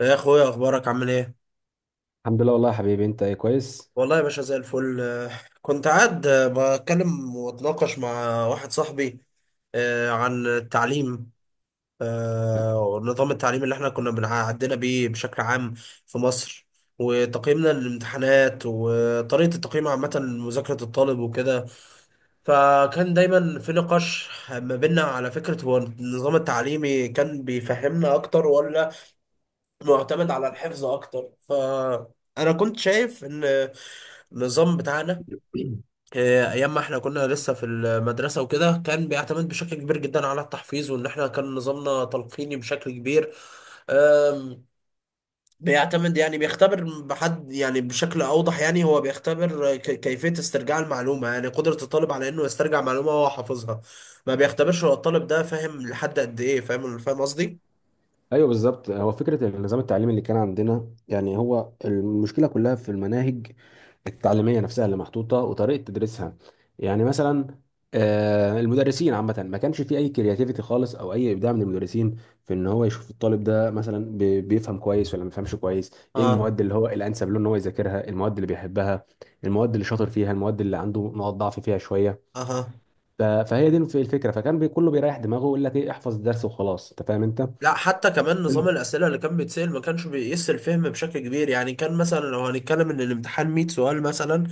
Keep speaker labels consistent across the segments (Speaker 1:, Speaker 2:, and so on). Speaker 1: يا اخويا اخبارك عامل ايه؟
Speaker 2: الحمد لله. والله يا حبيبي، انت ايه؟ كويس.
Speaker 1: والله يا باشا زي الفل، كنت قاعد، بتكلم واتناقش مع واحد صاحبي، عن التعليم، ونظام التعليم اللي احنا كنا بنعدينا بيه بشكل عام في مصر، وتقييمنا للامتحانات وطريقة التقييم عامة لمذاكرة الطالب وكده. فكان دايما في نقاش ما بيننا على فكرة هو النظام التعليمي كان بيفهمنا أكتر ولا معتمد على الحفظ اكتر. فانا كنت شايف ان النظام بتاعنا، ايام ما احنا كنا لسه في المدرسه وكده، كان بيعتمد بشكل كبير جدا على التحفيظ، وان احنا كان نظامنا تلقيني بشكل كبير. آم، بيعتمد يعني بيختبر بحد، يعني بشكل اوضح يعني، هو بيختبر كيفيه استرجاع المعلومه، يعني قدره الطالب على انه يسترجع معلومه وهو حافظها. ما بيختبرش هو الطالب ده فاهم لحد قد ايه، فاهم فاهم قصدي؟
Speaker 2: ايوه، بالظبط. هو فكره النظام التعليمي اللي كان عندنا، يعني هو المشكله كلها في المناهج التعليميه نفسها اللي محطوطه وطريقه تدريسها. يعني مثلا المدرسين عامه ما كانش في اي كرياتيفيتي خالص او اي ابداع من المدرسين في ان هو يشوف الطالب ده مثلا بيفهم كويس ولا ما بيفهمش كويس. ايه
Speaker 1: اه.
Speaker 2: المواد اللي هو الانسب له ان هو يذاكرها؟ المواد اللي بيحبها، المواد اللي شاطر فيها، المواد اللي عنده نقط ضعف فيها شويه.
Speaker 1: اها.
Speaker 2: فهي دي الفكره. فكان كله بيريح دماغه ويقول لك ايه، احفظ الدرس وخلاص، انت فاهم انت.
Speaker 1: لا حتى كمان نظام الأسئلة اللي كان بيتسأل ما كانش بيقيس الفهم بشكل كبير. يعني كان مثلا لو هنتكلم إن الامتحان 100 سؤال مثلا،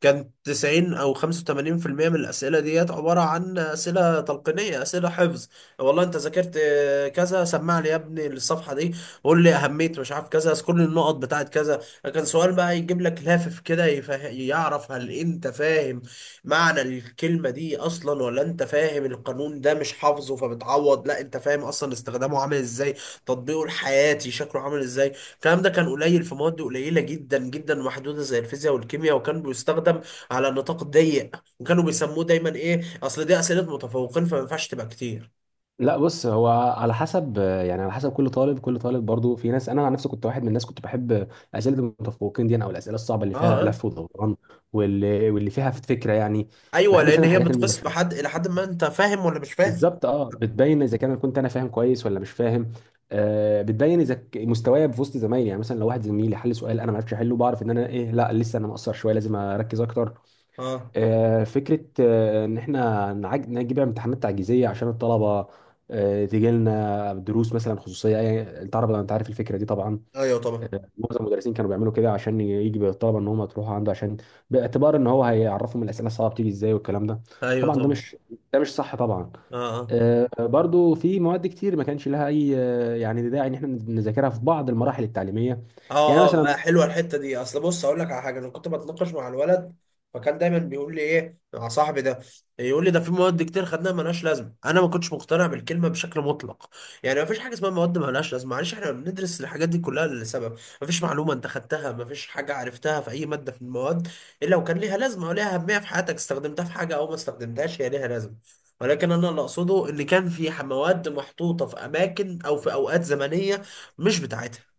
Speaker 1: كان 90 أو 85% من الأسئلة ديت عبارة عن أسئلة تلقينية، أسئلة حفظ. والله أنت ذاكرت، كذا، سمع لي يا ابني الصفحة دي، قول لي أهمية مش عارف كذا، اذكر لي النقط بتاعت كذا. كان سؤال بقى يجيب لك لافف كده يعرف هل أنت فاهم معنى الكلمة دي أصلا، ولا أنت فاهم القانون ده مش حافظه، فبتعوض. لا أنت فاهم أصلا استخدامه عامل إزاي، تطبيقه الحياتي شكله عامل إزاي. الكلام ده كان قليل في مواد قليلة جدا جدا محدودة زي الفيزياء والكيمياء، وكان بيستخدم على نطاق ضيق، وكانوا بيسموه دايما إيه، أصل دي أسئلة متفوقين فما ينفعش تبقى كتير.
Speaker 2: لا، بص، هو على حسب، يعني على حسب كل طالب. كل طالب برضو، في ناس، انا عن نفسي كنت واحد من الناس كنت بحب اسئله المتفوقين دي، يعني، او الاسئله الصعبه اللي فيها
Speaker 1: آه،
Speaker 2: لف ودوران، واللي فيها فكره يعني. ما
Speaker 1: أيوه،
Speaker 2: بحبش
Speaker 1: لأن
Speaker 2: انا
Speaker 1: هي
Speaker 2: الحاجات
Speaker 1: بتقيس
Speaker 2: المباشره.
Speaker 1: بحد إلى حد ما أنت فاهم ولا مش فاهم.
Speaker 2: بالظبط، اه، بتبين اذا كان كنت انا فاهم كويس ولا مش فاهم. بتبين اذا مستواي في وسط زمايلي. يعني مثلا لو واحد زميلي حل سؤال انا ما عرفتش احله، بعرف ان انا ايه، لا، لسه انا مقصر شويه، لازم اركز اكتر.
Speaker 1: آه.
Speaker 2: فكرة إن إحنا نجيب امتحانات تعجيزية عشان الطلبة تيجي لنا دروس مثلا خصوصية. أنت عارف الفكرة دي طبعا.
Speaker 1: أيوه طبعا.
Speaker 2: معظم المدرسين كانوا بيعملوا كده عشان يجي بالطلبة إن هم تروحوا عنده، عشان باعتبار إن هو هيعرفهم الأسئلة الصعبة بتيجي إزاي والكلام ده.
Speaker 1: أيوه
Speaker 2: طبعا ده
Speaker 1: طبعا.
Speaker 2: مش ده مش صح طبعا.
Speaker 1: آه آه.
Speaker 2: برضو في مواد كتير ما كانش لها أي يعني داعي إن إحنا نذاكرها في بعض المراحل التعليمية.
Speaker 1: اه
Speaker 2: يعني
Speaker 1: اه.
Speaker 2: مثلا.
Speaker 1: حلوه الحته دي. اصل بص اقول لك على حاجه، انا كنت بتناقش مع الولد، فكان دايما بيقول لي ايه، مع صاحبي ده. يقول لي ده في مواد كتير خدناها ملهاش لازمه. انا ما كنتش مقتنع بالكلمه بشكل مطلق. يعني ما فيش حاجه اسمها مواد ملهاش لازمه، معلش احنا بندرس الحاجات دي كلها لسبب. ما فيش معلومه انت خدتها، ما فيش حاجه عرفتها في اي ماده في المواد الا وكان ليها لازمه وليها اهميه في حياتك، استخدمتها في حاجه او ما استخدمتهاش هي ليها لازمه. ولكن انا اللي اقصده ان كان في مواد محطوطه في اماكن او في اوقات زمنيه مش بتاعتها.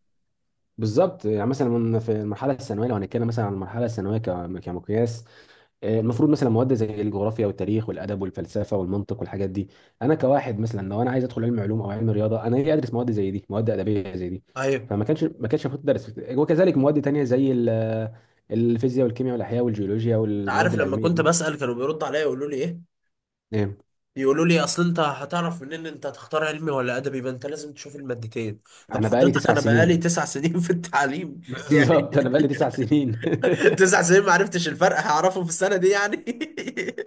Speaker 2: بالظبط. يعني مثلا في المرحلة الثانوية، لو هنتكلم مثلا عن المرحلة الثانوية كمقياس، المفروض مثلا مواد زي الجغرافيا والتاريخ والادب والفلسفه والمنطق والحاجات دي، انا كواحد مثلا، لو انا عايز ادخل علم علوم او علم رياضه، انا ليه ادرس مواد زي دي؟ مواد ادبيه زي دي
Speaker 1: ايوه.
Speaker 2: فما كانش ما كانش المفروض تدرس. وكذلك مواد تانية زي الفيزياء والكيمياء والاحياء والجيولوجيا
Speaker 1: انت
Speaker 2: والمواد
Speaker 1: عارف لما
Speaker 2: العلميه
Speaker 1: كنت
Speaker 2: دي.
Speaker 1: بسأل كانوا بيردوا عليا يقولوا لي ايه،
Speaker 2: إيه.
Speaker 1: يقولوا لي اصل انت هتعرف منين انت هتختار علمي ولا ادبي، ما انت لازم تشوف المادتين. طب
Speaker 2: انا بقالي
Speaker 1: حضرتك
Speaker 2: تسع
Speaker 1: انا بقالي
Speaker 2: سنين
Speaker 1: 9 سنين في التعليم يعني،
Speaker 2: بالظبط، انا بقالي 9 سنين
Speaker 1: 9 سنين ما عرفتش الفرق هعرفه في السنة دي يعني.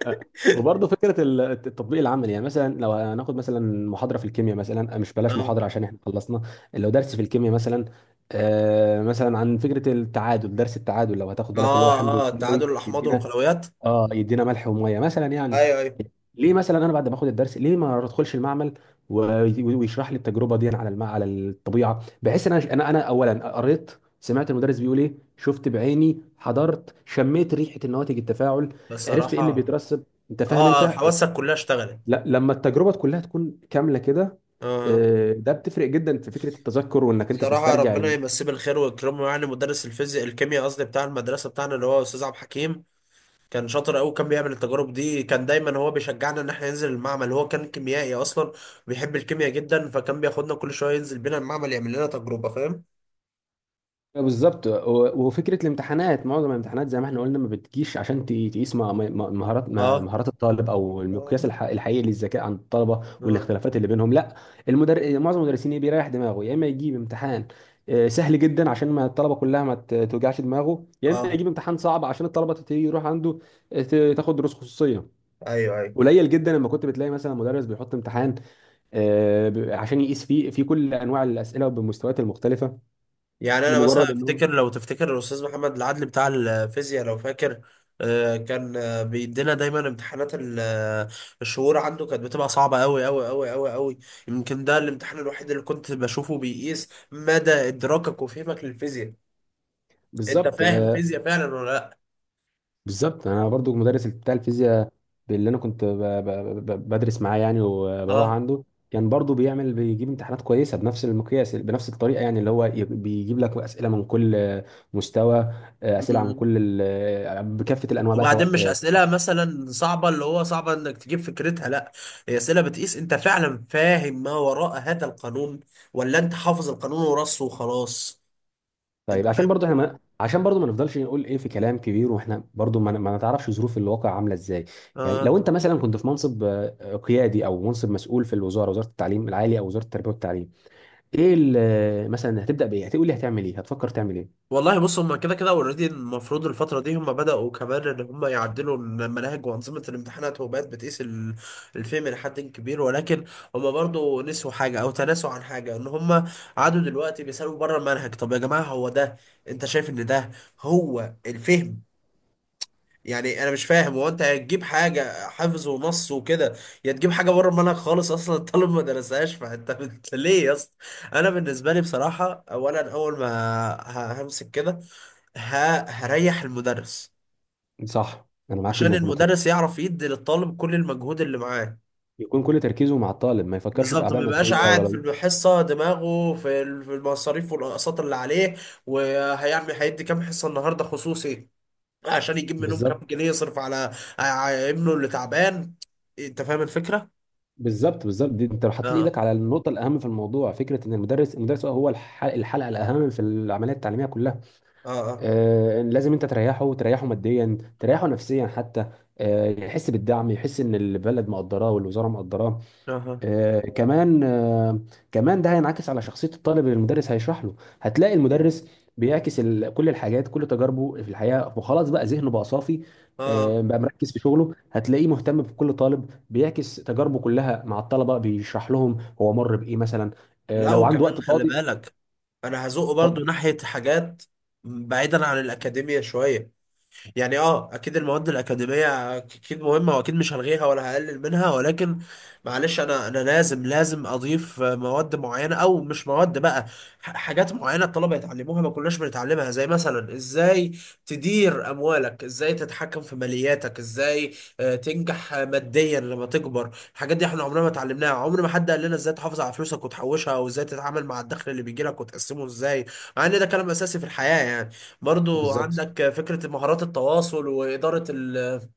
Speaker 2: أه. وبرضه فكره التطبيق العملي. يعني مثلا لو هناخد مثلا محاضره في الكيمياء مثلا. مش بلاش
Speaker 1: اه.
Speaker 2: محاضره عشان احنا خلصنا. لو درس في الكيمياء مثلا، مثلا عن فكره التعادل، درس التعادل، لو هتاخد بالك، اللي هو حمض
Speaker 1: اه. اه
Speaker 2: وكيماوي
Speaker 1: التعادل، الاحماض
Speaker 2: يدينا،
Speaker 1: والقلويات.
Speaker 2: اه يدينا ملح وميه مثلا يعني.
Speaker 1: ايوه ايوه.
Speaker 2: ليه مثلا انا بعد ما باخد الدرس ليه ما ادخلش المعمل ويشرح لي التجربه دي على على الطبيعه، بحيث ان انا انا أنا اولا قريت، سمعت المدرس بيقول ايه، شفت بعيني، حضرت، شميت ريحه النواتج التفاعل، عرفت ايه اللي
Speaker 1: بصراحة.
Speaker 2: بيترسب، انت فاهم
Speaker 1: اه،
Speaker 2: انت؟
Speaker 1: حواسك كلها اشتغلت.
Speaker 2: لا، لما التجربه كلها تكون كامله كده،
Speaker 1: اه.
Speaker 2: ده بتفرق جدا في فكره التذكر وانك انت
Speaker 1: بصراحة
Speaker 2: تسترجع.
Speaker 1: ربنا يمسيه بالخير ويكرمه، يعني مدرس الفيزياء الكيمياء قصدي بتاع المدرسة بتاعنا اللي هو أستاذ عبد الحكيم، كان شاطر قوي. كان بيعمل التجارب دي، كان دايما هو بيشجعنا ان احنا ننزل المعمل. هو كان كيميائي اصلا، بيحب الكيمياء جدا، فكان بياخدنا كل شويه ينزل بينا المعمل يعمل لنا تجربه، فاهم.
Speaker 2: بالظبط. وفكره الامتحانات، معظم الامتحانات زي ما احنا قلنا ما بتجيش عشان تقيس
Speaker 1: اه.
Speaker 2: مهارات الطالب او المقياس
Speaker 1: اه.
Speaker 2: الحقيقي للذكاء عند الطلبه
Speaker 1: اه.
Speaker 2: والاختلافات اللي بينهم. لا. معظم المدرسين، ايه، بيريح دماغه، يا اما يجيب امتحان سهل جدا عشان ما الطلبه كلها ما توجعش دماغه، يا اما
Speaker 1: آه.
Speaker 2: يجيب امتحان صعب عشان الطلبه يروح عنده تاخد دروس خصوصيه.
Speaker 1: ايوه ايوه.
Speaker 2: قليل جدا لما كنت بتلاقي مثلا مدرس بيحط امتحان عشان يقيس فيه في كل انواع الاسئله وبمستويات المختلفه،
Speaker 1: يعني انا مثلا
Speaker 2: لمجرد انه.
Speaker 1: افتكر، لو تفتكر الاستاذ محمد العدل بتاع الفيزياء، لو فاكر، كان بيدينا دايما امتحانات الشهور عنده كانت بتبقى صعبه قوي قوي قوي قوي قوي. يمكن ده الامتحان الوحيد اللي كنت بشوفه بيقيس مدى ادراكك وفهمك للفيزياء، انت
Speaker 2: بالظبط.
Speaker 1: فاهم فيزياء فعلا ولا لا.
Speaker 2: بالظبط، انا برضو المدرس بتاع الفيزياء اللي انا كنت بدرس معاه يعني وبروح
Speaker 1: اه.
Speaker 2: عنده، كان برضو بيجيب امتحانات كويسه بنفس المقياس بنفس الطريقه، يعني اللي هو بيجيب لك اسئله من كل مستوى. اسئله عن
Speaker 1: مم.
Speaker 2: كل بكافه الانواع بقى، سواء.
Speaker 1: وبعدين مش اسئله مثلا صعبه، اللي هو صعبه انك تجيب فكرتها، لا. هي اسئله بتقيس انت فعلا فاهم ما وراء هذا القانون، ولا انت حافظ القانون ورصه وخلاص. انت
Speaker 2: طيب، عشان
Speaker 1: فاهم
Speaker 2: برضو ما نفضلش نقول، ايه، في كلام كبير واحنا برضو ما نتعرفش ظروف الواقع عامله ازاي. يعني
Speaker 1: الفكرة؟
Speaker 2: لو انت مثلا كنت في منصب قيادي او منصب مسؤول في الوزاره، وزاره التعليم العالي او وزاره التربيه والتعليم، ايه مثلا هتبدا بايه؟ هتقول لي هتعمل ايه؟ هتفكر تعمل ايه؟
Speaker 1: والله بص، هم كده كده اوريدي المفروض الفترة دي هم بدأوا كمان ان هم يعدلوا المناهج وأنظمة الامتحانات، وبقت بتقيس الفهم لحد كبير، ولكن هم برضو نسوا حاجة او تناسوا عن حاجة، ان هم قعدوا دلوقتي بيسألوا بره المنهج. طب يا جماعة، هو ده، انت شايف ان ده هو الفهم؟ يعني انا مش فاهم، هو انت هتجيب حاجه حفظ ونص وكده يا تجيب حاجه بره المنهج خالص اصلا؟ الطالب ما درسهاش فانت ليه يا اسطى؟ انا بالنسبه لي بصراحه، اولا، اول ما همسك كده هريح المدرس،
Speaker 2: صح، انا معاك
Speaker 1: عشان
Speaker 2: جدا في النقطه دي.
Speaker 1: المدرس يعرف يدي للطالب كل المجهود اللي معاه.
Speaker 2: يكون كل تركيزه مع الطالب، ما يفكرش في
Speaker 1: بالظبط،
Speaker 2: اعباء
Speaker 1: ما يبقاش
Speaker 2: ماديه
Speaker 1: قاعد في
Speaker 2: ولا.
Speaker 1: الحصه دماغه في في المصاريف والاقساط اللي عليه، وهيعمل هيدي كام حصه النهارده خصوصي عشان يجيب منهم كام
Speaker 2: بالظبط،
Speaker 1: جنيه يصرف على ابنه اللي تعبان. انت فاهم الفكرة؟
Speaker 2: بالظبط، بالظبط. دي انت لو حطيت
Speaker 1: اه.
Speaker 2: ايدك على النقطه الاهم في الموضوع، فكره ان المدرس هو الحلقه الاهم في العمليه التعليميه كلها.
Speaker 1: اه. اه.
Speaker 2: لازم انت تريحه ماديا، تريحه نفسيا حتى. يحس بالدعم، يحس ان البلد مقدراه والوزاره مقدراه.
Speaker 1: اه.
Speaker 2: آه، كمان آه، كمان ده هينعكس على شخصية الطالب اللي المدرس هيشرح له. هتلاقي المدرس بيعكس كل الحاجات، كل تجاربه في الحياة، وخلاص بقى ذهنه بقى صافي،
Speaker 1: اه.
Speaker 2: بقى مركز في شغله. هتلاقيه مهتم بكل طالب، بيعكس تجاربه كلها مع الطلبة، بيشرح لهم هو مر بإيه مثلا،
Speaker 1: لا
Speaker 2: لو عنده
Speaker 1: وكمان
Speaker 2: وقت
Speaker 1: خلي
Speaker 2: فاضي.
Speaker 1: بالك، انا هزقه برضو
Speaker 2: اتفضل.
Speaker 1: ناحية حاجات بعيدا عن الأكاديمية شوية. يعني، اه، اكيد المواد الاكاديميه اكيد مهمه واكيد مش هلغيها ولا هقلل منها، ولكن معلش انا لازم اضيف مواد معينه، او مش مواد بقى، حاجات معينه الطلبه يتعلموها ما كناش بنتعلمها. زي مثلا ازاي تدير اموالك، ازاي تتحكم في مالياتك، ازاي تنجح ماديا لما تكبر. الحاجات دي احنا عمرنا ما اتعلمناها، عمر ما حد قال لنا ازاي تحافظ على فلوسك وتحوشها، او ازاي تتعامل مع الدخل اللي بيجيلك وتقسمه ازاي، مع ان ده كلام اساسي في الحياه يعني. برضو
Speaker 2: بالظبط.
Speaker 1: عندك فكرة مهارات التواصل وإدارة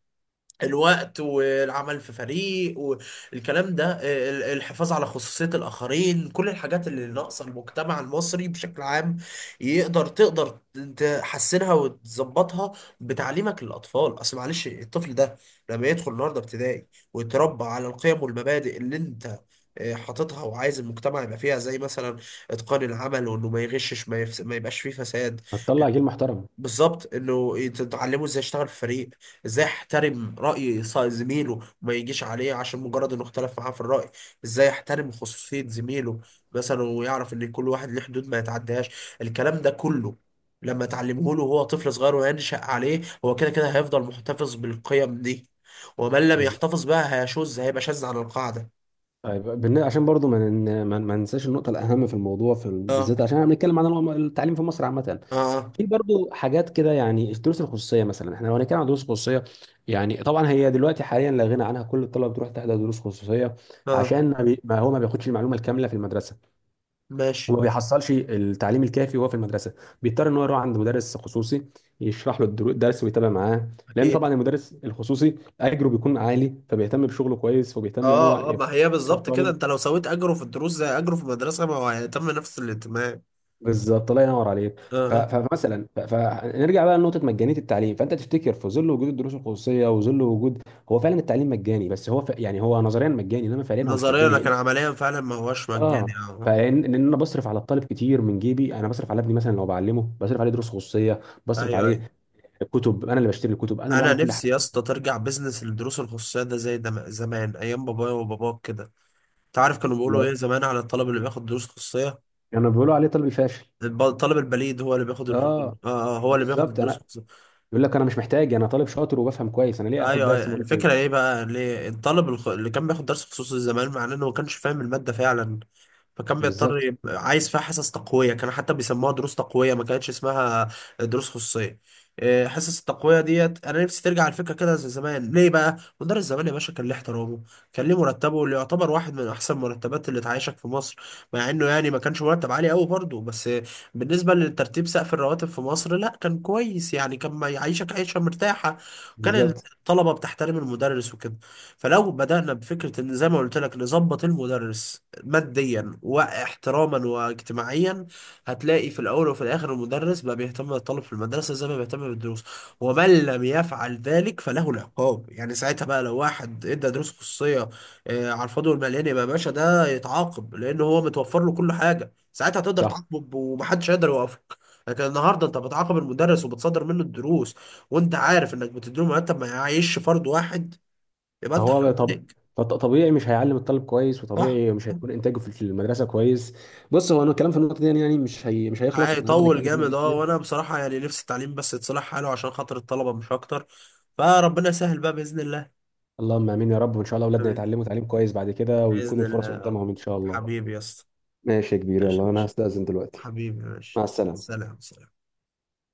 Speaker 1: الوقت، والعمل في فريق، والكلام ده، الحفاظ على خصوصية الآخرين، كل الحاجات اللي ناقصة المجتمع المصري بشكل عام. تقدر تحسنها وتظبطها بتعليمك للأطفال. أصل معلش الطفل ده لما يدخل النهاردة ابتدائي ويتربى على القيم والمبادئ اللي أنت حاططها وعايز المجتمع يبقى فيها، زي مثلا اتقان العمل، وانه ما يغشش، ما يبقاش فيه فساد.
Speaker 2: هتطلع جيل محترم.
Speaker 1: بالظبط. انه تتعلمه ازاي اشتغل في فريق، ازاي احترم رأي زميله وما يجيش عليه عشان مجرد انه اختلف معاه في الرأي، ازاي احترم خصوصية زميله مثلا، ويعرف ان كل واحد ليه حدود ما يتعدهاش. الكلام ده كله لما تعلمه له وهو طفل صغير وينشأ عليه، هو كده كده هيفضل محتفظ بالقيم دي، ومن لم يحتفظ بها هيشذ، هيبقى شاذ عن القاعدة.
Speaker 2: طيب، عشان برضو ما نن- ما ما ننساش النقطه الاهم في الموضوع، في
Speaker 1: اه.
Speaker 2: بالذات عشان احنا بنتكلم عن التعليم في مصر عامه.
Speaker 1: اه. اه.
Speaker 2: في برضو حاجات كده. يعني الدروس الخصوصيه مثلا، احنا لو هنتكلم عن دروس خصوصيه، يعني طبعا هي دلوقتي حاليا لا غنى عنها، كل الطلبه بتروح تحضر دروس خصوصيه
Speaker 1: آه،
Speaker 2: عشان ما هو ما بياخدش المعلومه الكامله في المدرسه
Speaker 1: ماشي.
Speaker 2: وما بيحصلش التعليم الكافي وهو في المدرسه، بيضطر ان هو يروح عند مدرس خصوصي يشرح له الدرس ويتابع معاه، لان
Speaker 1: اكيد.
Speaker 2: طبعا المدرس الخصوصي اجره بيكون عالي، فبيهتم بشغله كويس وبيهتم ان هو
Speaker 1: اه. اه،
Speaker 2: يفيد
Speaker 1: ما هي بالظبط كده،
Speaker 2: الطالب.
Speaker 1: انت لو سويت اجره في الدروس زي اجره في المدرسه، ما هو هيتم نفس الاهتمام.
Speaker 2: بالظبط. الله ينور عليك.
Speaker 1: اه. اه،
Speaker 2: فنرجع بقى لنقطه مجانيه التعليم. فانت تفتكر في ظل وجود الدروس الخصوصيه وظل وجود، هو فعلا التعليم مجاني؟ بس هو يعني هو نظريا مجاني انما فعليا هو مش
Speaker 1: نظريا
Speaker 2: مجاني، لان،
Speaker 1: لكن عمليا فعلا ما هوش
Speaker 2: اه،
Speaker 1: مجاني، اه.
Speaker 2: فان ان انا بصرف على الطالب كتير من جيبي، انا بصرف على ابني مثلا لو بعلمه، بصرف عليه دروس خصوصيه،
Speaker 1: اه.
Speaker 2: بصرف
Speaker 1: ايوه ايوه.
Speaker 2: عليه كتب، انا اللي بشتري الكتب، انا اللي
Speaker 1: انا
Speaker 2: بعمل كل
Speaker 1: نفسي
Speaker 2: حاجه.
Speaker 1: يا اسطى ترجع بزنس الدروس الخصوصيه ده زي زمان، ايام بابايا وباباك كده. انت عارف كانوا بيقولوا
Speaker 2: لو
Speaker 1: ايه زمان على الطالب اللي بياخد دروس خصوصيه؟
Speaker 2: يعني بيقولوا عليه طالب فاشل.
Speaker 1: الطالب البليد هو اللي بياخد
Speaker 2: اه،
Speaker 1: اه، هو اللي بياخد
Speaker 2: بالظبط،
Speaker 1: الدروس.
Speaker 2: انا يقول لك انا مش محتاج، انا طالب شاطر وبفهم كويس، انا ليه اخد
Speaker 1: ايوه
Speaker 2: درس
Speaker 1: ايوه، الفكره
Speaker 2: مرتين.
Speaker 1: ايه بقى؟ ليه الطالب اللي كان بياخد درس خصوصي زمان مع انه ما كانش فاهم الماده فعلا، فكان بيضطر
Speaker 2: بالظبط،
Speaker 1: يبقى عايز فيها حصص تقويه، كان حتى بيسموها دروس تقويه ما كانتش اسمها دروس خصوصيه. إيه، حصص التقويه ديت انا نفسي ترجع الفكره كده زي زمان. ليه بقى مدرس زمان يا باشا كان ليه احترامه، كان ليه مرتبه اللي يعتبر واحد من احسن مرتبات اللي تعيشك في مصر، مع انه يعني ما كانش مرتب عالي قوي برضه، بس بالنسبه لترتيب سقف الرواتب في مصر لا، كان كويس، يعني كان ما يعيشك عيشه مرتاحه. كان
Speaker 2: بالظبط.
Speaker 1: طلبة بتحترم المدرس وكده. فلو بدأنا بفكرة ان زي ما قلت لك نظبط المدرس ماديا واحتراما واجتماعيا، هتلاقي في الاول وفي الاخر المدرس بقى بيهتم بالطالب في المدرسة زي ما بيهتم بالدروس. ومن لم يفعل ذلك فله العقاب. يعني ساعتها بقى، لو واحد ادى دروس خصوصية على الفاضي والمليان، يبقى يا باشا ده يتعاقب، لان هو متوفر له كل حاجة، ساعتها تقدر
Speaker 2: صح.
Speaker 1: تعاقبه ومحدش هيقدر يوقفك. لكن النهارده انت بتعاقب المدرس وبتصدر منه الدروس، وانت عارف انك بتديله مرتب ما يعيش فرد واحد، يبقى انت
Speaker 2: فهو بقى،
Speaker 1: حرام
Speaker 2: طب،
Speaker 1: عليك.
Speaker 2: طبيعي مش هيعلم الطالب كويس
Speaker 1: صح؟
Speaker 2: وطبيعي مش هيكون انتاجه في المدرسه كويس. بص هو، انا الكلام في النقطه دي، يعني مش مش هيخلص، احنا هنفضل
Speaker 1: هيطول
Speaker 2: نتكلم في النقطه دي
Speaker 1: جامد، اه.
Speaker 2: كتير.
Speaker 1: وانا بصراحة يعني نفسي التعليم بس يتصلح حاله عشان خاطر الطلبة مش اكتر، فربنا يسهل بقى بإذن الله.
Speaker 2: اللهم امين يا رب، وان شاء الله اولادنا
Speaker 1: حبيبي.
Speaker 2: يتعلموا تعليم كويس بعد كده ويكون
Speaker 1: بإذن الله
Speaker 2: الفرص
Speaker 1: يا رب.
Speaker 2: قدامهم ان شاء الله.
Speaker 1: حبيبي يا اسطى.
Speaker 2: ماشي يا كبير،
Speaker 1: ماشي
Speaker 2: يلا انا
Speaker 1: ماشي.
Speaker 2: هستأذن دلوقتي.
Speaker 1: حبيبي
Speaker 2: مع
Speaker 1: ماشي.
Speaker 2: السلامه
Speaker 1: سلام سلام.